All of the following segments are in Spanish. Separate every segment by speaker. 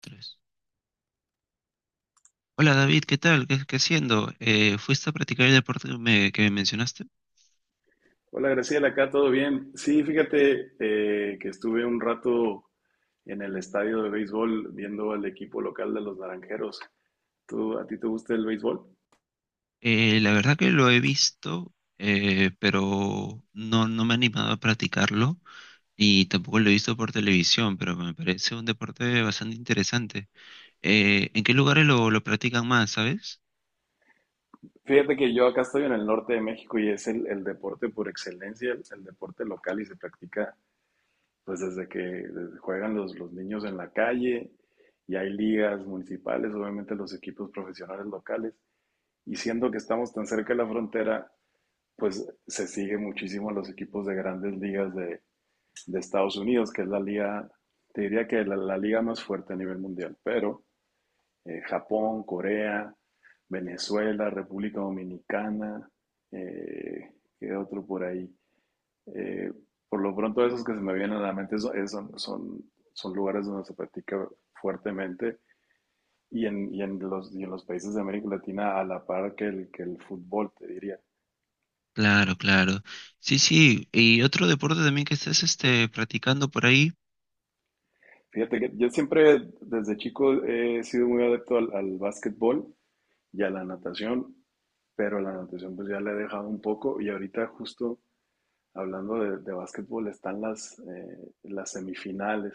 Speaker 1: Tres. Hola David, ¿qué tal? ¿Qué haciendo? ¿Fuiste a practicar el deporte que me mencionaste?
Speaker 2: Hola Graciela, acá todo bien. Sí, fíjate que estuve un rato en el estadio de béisbol viendo al equipo local de los Naranjeros. ¿A ti te gusta el béisbol?
Speaker 1: La verdad que lo he visto, pero no me he animado a practicarlo y tampoco lo he visto por televisión, pero me parece un deporte bastante interesante. ¿En qué lugares lo practican más, sabes?
Speaker 2: Fíjate que yo acá estoy en el norte de México y es el deporte por excelencia, el deporte local y se practica pues desde juegan los niños en la calle y hay ligas municipales, obviamente los equipos profesionales locales. Y siendo que estamos tan cerca de la frontera, pues se sigue muchísimo a los equipos de grandes ligas de Estados Unidos, que es la liga, te diría que la liga más fuerte a nivel mundial, pero Japón, Corea, Venezuela, República Dominicana, eh, ¿qué otro por ahí? Eh, por lo pronto esos que se me vienen a la mente son lugares donde se practica fuertemente y en los países de América Latina a la par que el fútbol, te diría.
Speaker 1: Claro, claro. Sí, sí. ¿Y otro deporte también que estés este, practicando por ahí?
Speaker 2: Fíjate que yo siempre desde chico he sido muy adepto al básquetbol y a la natación, pero la natación pues ya la he dejado un poco y ahorita justo hablando de básquetbol están las semifinales,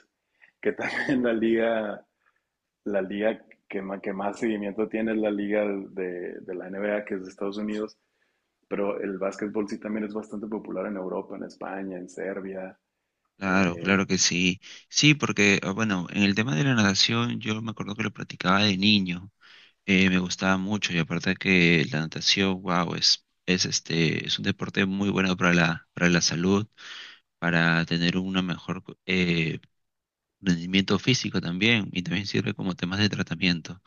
Speaker 2: que también la liga que más seguimiento tiene es la liga de la N B A que es de Estados Unidos, pero el básquetbol sí también es bastante popular en Europa, en España, en Serbia.
Speaker 1: Claro,
Speaker 2: eh,
Speaker 1: claro que sí. Sí, porque, ah, bueno, en el tema de la natación yo me acuerdo que lo practicaba de niño. Me gustaba mucho y aparte que la natación, wow, es un deporte muy bueno para para la salud, para tener una mejor rendimiento físico también y también sirve como temas de tratamiento.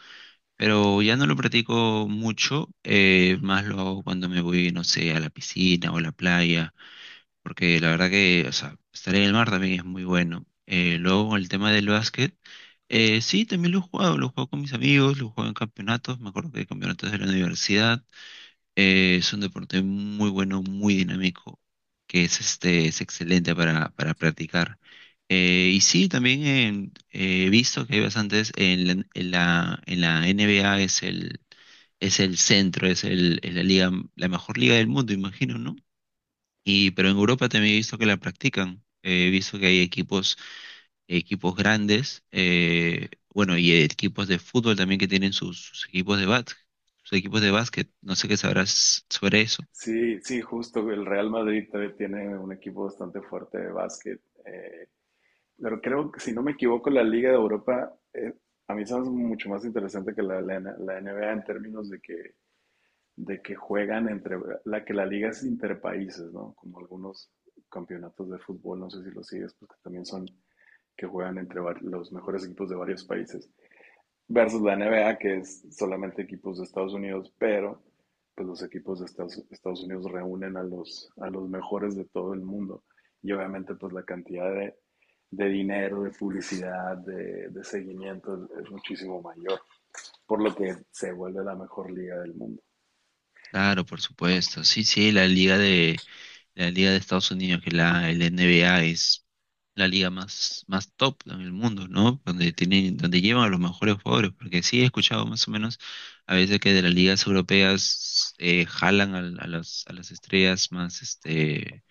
Speaker 1: Pero ya no lo practico mucho, más lo hago cuando me voy, no sé, a la piscina o a la playa porque la verdad que, o sea, estar en el mar también es muy bueno. Luego, con el tema del básquet, sí, también lo he jugado con mis amigos, lo he jugado en campeonatos, me acuerdo que hay campeonatos de la universidad. Es un deporte muy bueno, muy dinámico, que es excelente para practicar. Y sí, también he visto que hay bastantes, en la NBA es es el centro, es la liga, la mejor liga del mundo, imagino, ¿no? Y, pero en Europa también he visto que la practican. He visto que hay equipos, equipos grandes, bueno, y equipos de fútbol también que tienen sus, sus equipos de básquet, sus equipos de básquet. No sé qué sabrás sobre eso.
Speaker 2: sí, justo, el Real Madrid también tiene un equipo bastante fuerte de básquet. eh, Pero creo que, si no me equivoco, la Liga de Europa, a mí se me hace mucho más interesante que la NBA en términos de que juegan entre, la que la liga es interpaíses, ¿no? Como algunos campeonatos de fútbol, no sé si lo sigues, pues que también son que juegan los mejores equipos de varios países versus la N B A, que es solamente equipos de Estados Unidos, pero pues los equipos de Estados Unidos reúnen a los mejores de todo el mundo. Y obviamente pues la cantidad de dinero, de publicidad, de seguimiento es muchísimo mayor, por lo que se vuelve la mejor liga del mundo.
Speaker 1: Claro, por supuesto. Sí, sí, la liga de Estados Unidos, que la, el N B NBA la liga más, más top en el mundo, ¿no? Donde tienen, donde llevan a los mejores jugadores, porque sí he escuchado más o menos a veces que de las ligas europeas jalan a las estrellas más, este,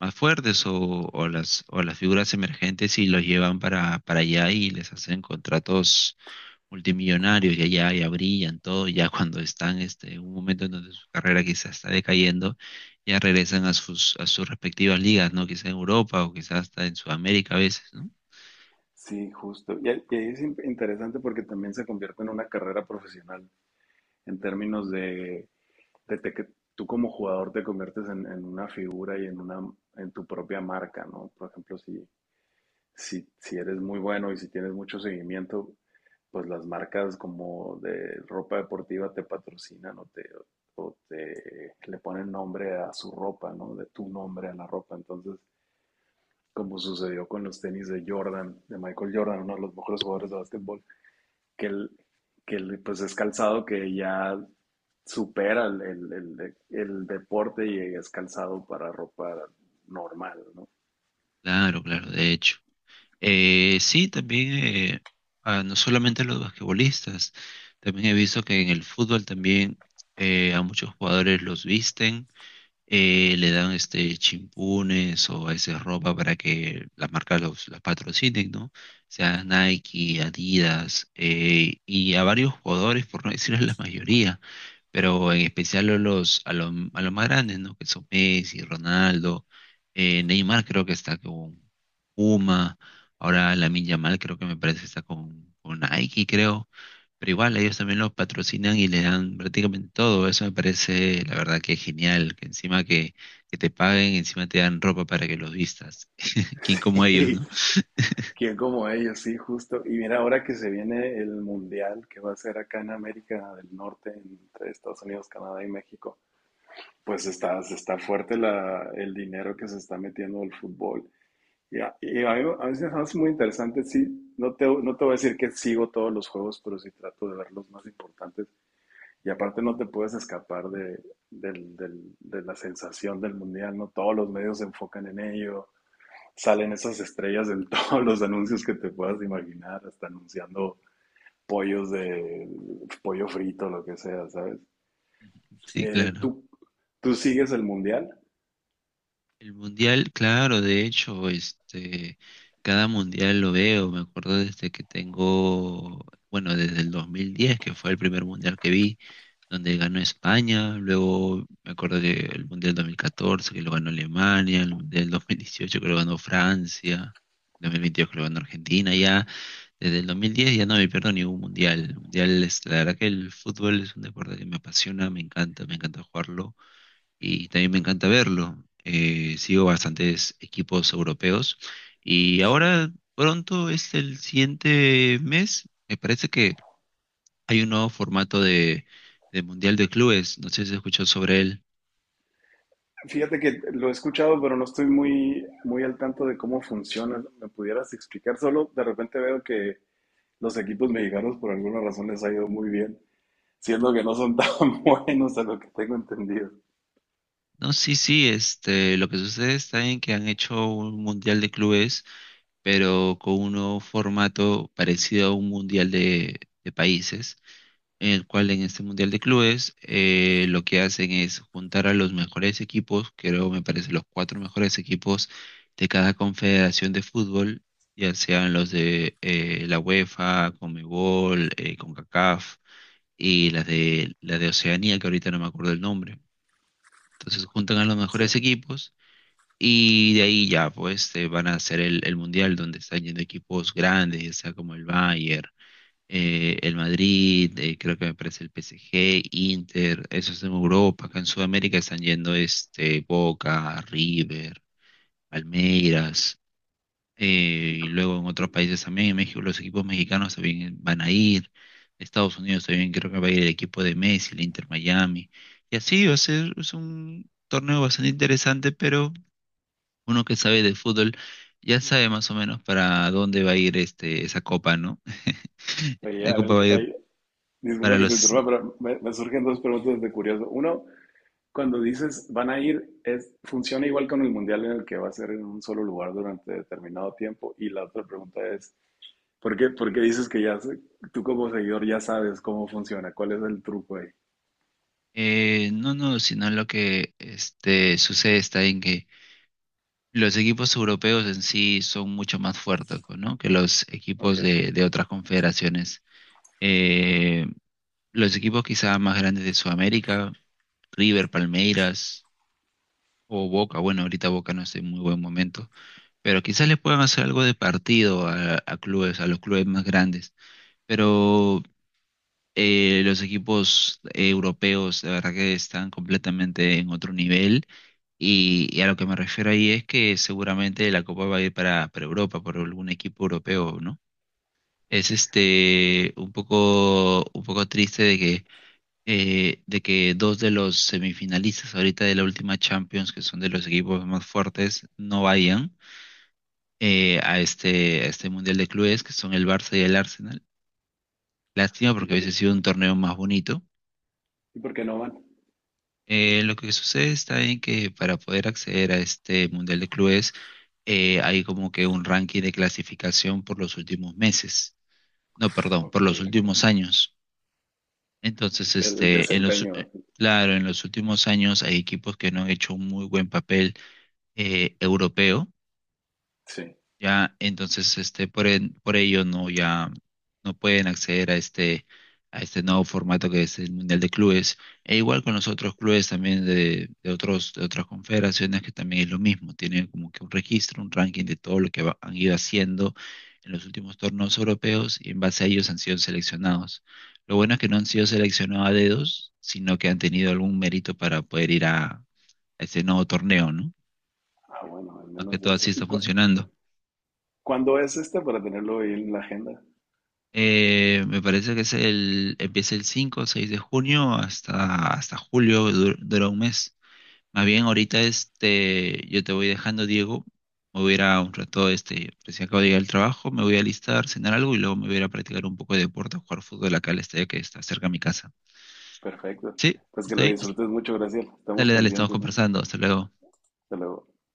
Speaker 1: más fuertes o, o las figuras emergentes y los llevan para allá y les hacen contratos multimillonarios y allá ya brillan todo, ya cuando están este, en un momento en donde su carrera quizás está decayendo, ya regresan a sus respectivas ligas, ¿no? Quizás en Europa o quizás hasta en Sudamérica a veces, ¿no?
Speaker 2: Sí, justo. Y es interesante porque también se convierte en una carrera profesional en términos de desde que tú como jugador te conviertes en una figura y en una en tu propia marca, ¿no? Por ejemplo, si eres muy bueno y si tienes mucho seguimiento, pues las marcas como de ropa deportiva te patrocinan o te le ponen nombre a su ropa, ¿no? De tu nombre a la ropa. Entonces, como sucedió con los tenis de Jordan, de Michael Jordan, uno de los mejores jugadores de básquetbol, que, el, que el, pues es calzado que ya supera el deporte y es calzado para ropa normal, ¿no?
Speaker 1: Claro, claro, de hecho. Eh, sí, también, eh, no solamente los basquetbolistas, también he visto que en el fútbol también a muchos jugadores los visten le dan este chimpunes o a veces ropa para que las marcas los, las patrocinen, ¿no? O sea Nike, Adidas, y a varios jugadores, por no decirles la mayoría pero en especial a a los más grandes, ¿no? Que son Messi, Ronaldo, Neymar creo que está con Puma, ahora Lamine Yamal creo que me parece que está con Nike, creo, pero igual ellos también los patrocinan y le dan prácticamente todo, eso me parece la verdad que genial, que encima que te paguen, encima te dan ropa para que los vistas, quien como ellos, ¿no?
Speaker 2: ¿Quién como ellos? Sí, justo. Y mira, ahora que se viene el mundial que va a ser acá en América del Norte, entre Estados Unidos, Canadá y México, pues está, está fuerte el dinero que se está metiendo el fútbol. A mí me hace muy interesante, sí, no te voy a decir que sigo todos los juegos, pero sí trato de ver los más importantes. Y aparte no te puedes escapar de la sensación del mundial, ¿no? Todos los medios se enfocan en ello, salen esas estrellas en todos los anuncios que te puedas imaginar, hasta anunciando pollos de pollo frito, lo que sea, ¿sabes?
Speaker 1: Sí,
Speaker 2: Eh,
Speaker 1: claro.
Speaker 2: ¿tú, Tú sigues el mundial?
Speaker 1: El mundial, claro, de hecho, este, cada mundial lo veo, me acuerdo desde que tengo, bueno, desde el 2010, que fue el primer mundial que vi, donde ganó España, luego me acuerdo que el mundial 2014, que lo ganó Alemania, el mundial 2018 que lo ganó Francia, 2022 que lo ganó Argentina, ya desde el 2010 ya no me pierdo ningún mundial. El mundial es, la verdad que el fútbol es un deporte que me apasiona, me encanta jugarlo y también me encanta verlo. Sigo bastantes equipos europeos y
Speaker 2: Sí.
Speaker 1: ahora pronto es el siguiente mes. Me parece que hay un nuevo formato de Mundial de Clubes. No sé si escuchó sobre él.
Speaker 2: Fíjate que lo he escuchado, pero no estoy muy, muy al tanto de cómo funciona, ¿no? ¿Me pudieras explicar? Solo de repente veo que los equipos mexicanos por alguna razón les ha ido muy bien. Siendo que no son tan buenos a lo que tengo entendido.
Speaker 1: No, sí, sí, este, lo que sucede está en que han hecho un Mundial de Clubes, pero con un nuevo formato parecido a un Mundial de Países. En el cual en este Mundial de Clubes lo que hacen es juntar a los mejores equipos, creo me parece los cuatro mejores equipos de cada confederación de fútbol, ya sean los de la UEFA, Conmebol, CONCACAF y las de, la de Oceanía, que ahorita no me acuerdo el nombre. Entonces juntan a los
Speaker 2: Sí.
Speaker 1: mejores equipos. Y de ahí ya, pues, van a hacer el mundial donde están yendo equipos grandes, ya sea como el Bayern, el Madrid, creo que me parece el PSG, Inter, eso es en Europa, acá en Sudamérica están yendo este Boca, River, Palmeiras,
Speaker 2: Y
Speaker 1: y
Speaker 2: co-
Speaker 1: luego en otros
Speaker 2: y-
Speaker 1: países también, en México los equipos mexicanos también van a ir, Estados Unidos también creo que va a ir el equipo de Messi, el Inter Miami, y así va a ser, es un torneo bastante interesante, pero uno que sabe de fútbol ya sabe más o menos para dónde va a ir este esa copa, ¿no?
Speaker 2: Oye,
Speaker 1: La
Speaker 2: a ver,
Speaker 1: copa va a ir
Speaker 2: ahí, disculpa
Speaker 1: para
Speaker 2: que te
Speaker 1: los
Speaker 2: interrumpa, pero me surgen dos preguntas de curioso. Uno, cuando dices van a ir, es, ¿funciona igual con el mundial en el que va a ser en un solo lugar durante determinado tiempo? Y la otra pregunta es, por qué dices que ya, tú como seguidor ya sabes cómo funciona? ¿Cuál es el truco ahí?
Speaker 1: No, no, sino lo que este, sucede está en que los equipos europeos en sí son mucho más fuertes, pues, ¿no? Que los
Speaker 2: Ok.
Speaker 1: equipos de otras confederaciones. Eh, los equipos quizá más grandes de Sudamérica, River, Palmeiras o Boca, bueno, ahorita Boca no está en muy buen momento, pero quizás le puedan hacer algo de partido a clubes, a los clubes más grandes. Pero los equipos europeos, la verdad que están completamente en otro nivel. Y a lo que me refiero ahí es que seguramente la Copa va a ir para Europa, por algún equipo europeo, ¿no? Es este un poco triste de que dos de los semifinalistas ahorita de la última Champions, que son de los equipos más fuertes, no vayan a este Mundial de Clubes, que son el Barça y el Arsenal. Lástima porque
Speaker 2: Y
Speaker 1: hubiese sido un torneo más bonito.
Speaker 2: por qué no van?
Speaker 1: Lo que sucede está en que para poder acceder a este Mundial de Clubes hay como que un ranking de clasificación por los últimos meses, no, perdón,
Speaker 2: Ok,
Speaker 1: por los
Speaker 2: ok.
Speaker 1: últimos años. Entonces,
Speaker 2: Del
Speaker 1: este, en los, u-
Speaker 2: desempeño,
Speaker 1: eh, claro, en los últimos años hay equipos que no han hecho un muy buen papel europeo
Speaker 2: sí.
Speaker 1: ya, entonces, este, por ello no, ya no pueden acceder a este nuevo formato que es el Mundial de Clubes. E igual con los otros clubes también de otros, de otras confederaciones que también es lo mismo. Tienen como que un registro, un ranking de todo lo que han ido haciendo en los últimos torneos europeos y en base a ellos han sido seleccionados. Lo bueno es que no han sido seleccionados a dedos, sino que han tenido algún mérito para poder ir a este nuevo torneo, ¿no?
Speaker 2: Ah, bueno, al
Speaker 1: Más que
Speaker 2: menos
Speaker 1: todo
Speaker 2: eso.
Speaker 1: así está funcionando.
Speaker 2: ¿Cuándo es este para tenerlo ahí en la agenda?
Speaker 1: Me parece que es el, empieza el 5 o 6 de junio hasta, hasta julio, dura un mes. Más bien, ahorita este, yo te voy dejando, Diego. Me voy a ir a un rato, este, recién acabo de llegar al trabajo, me voy a alistar, cenar algo y luego me voy a ir a practicar un poco de deporte, a jugar fútbol acá al estadio que está cerca de mi casa.
Speaker 2: Perfecto.
Speaker 1: Sí,
Speaker 2: Pues que
Speaker 1: está
Speaker 2: lo
Speaker 1: bien.
Speaker 2: disfrutes mucho, Graciela. Estamos
Speaker 1: Dale, dale, estamos
Speaker 2: pendientes. Luis.
Speaker 1: conversando. Hasta luego.
Speaker 2: Hasta luego.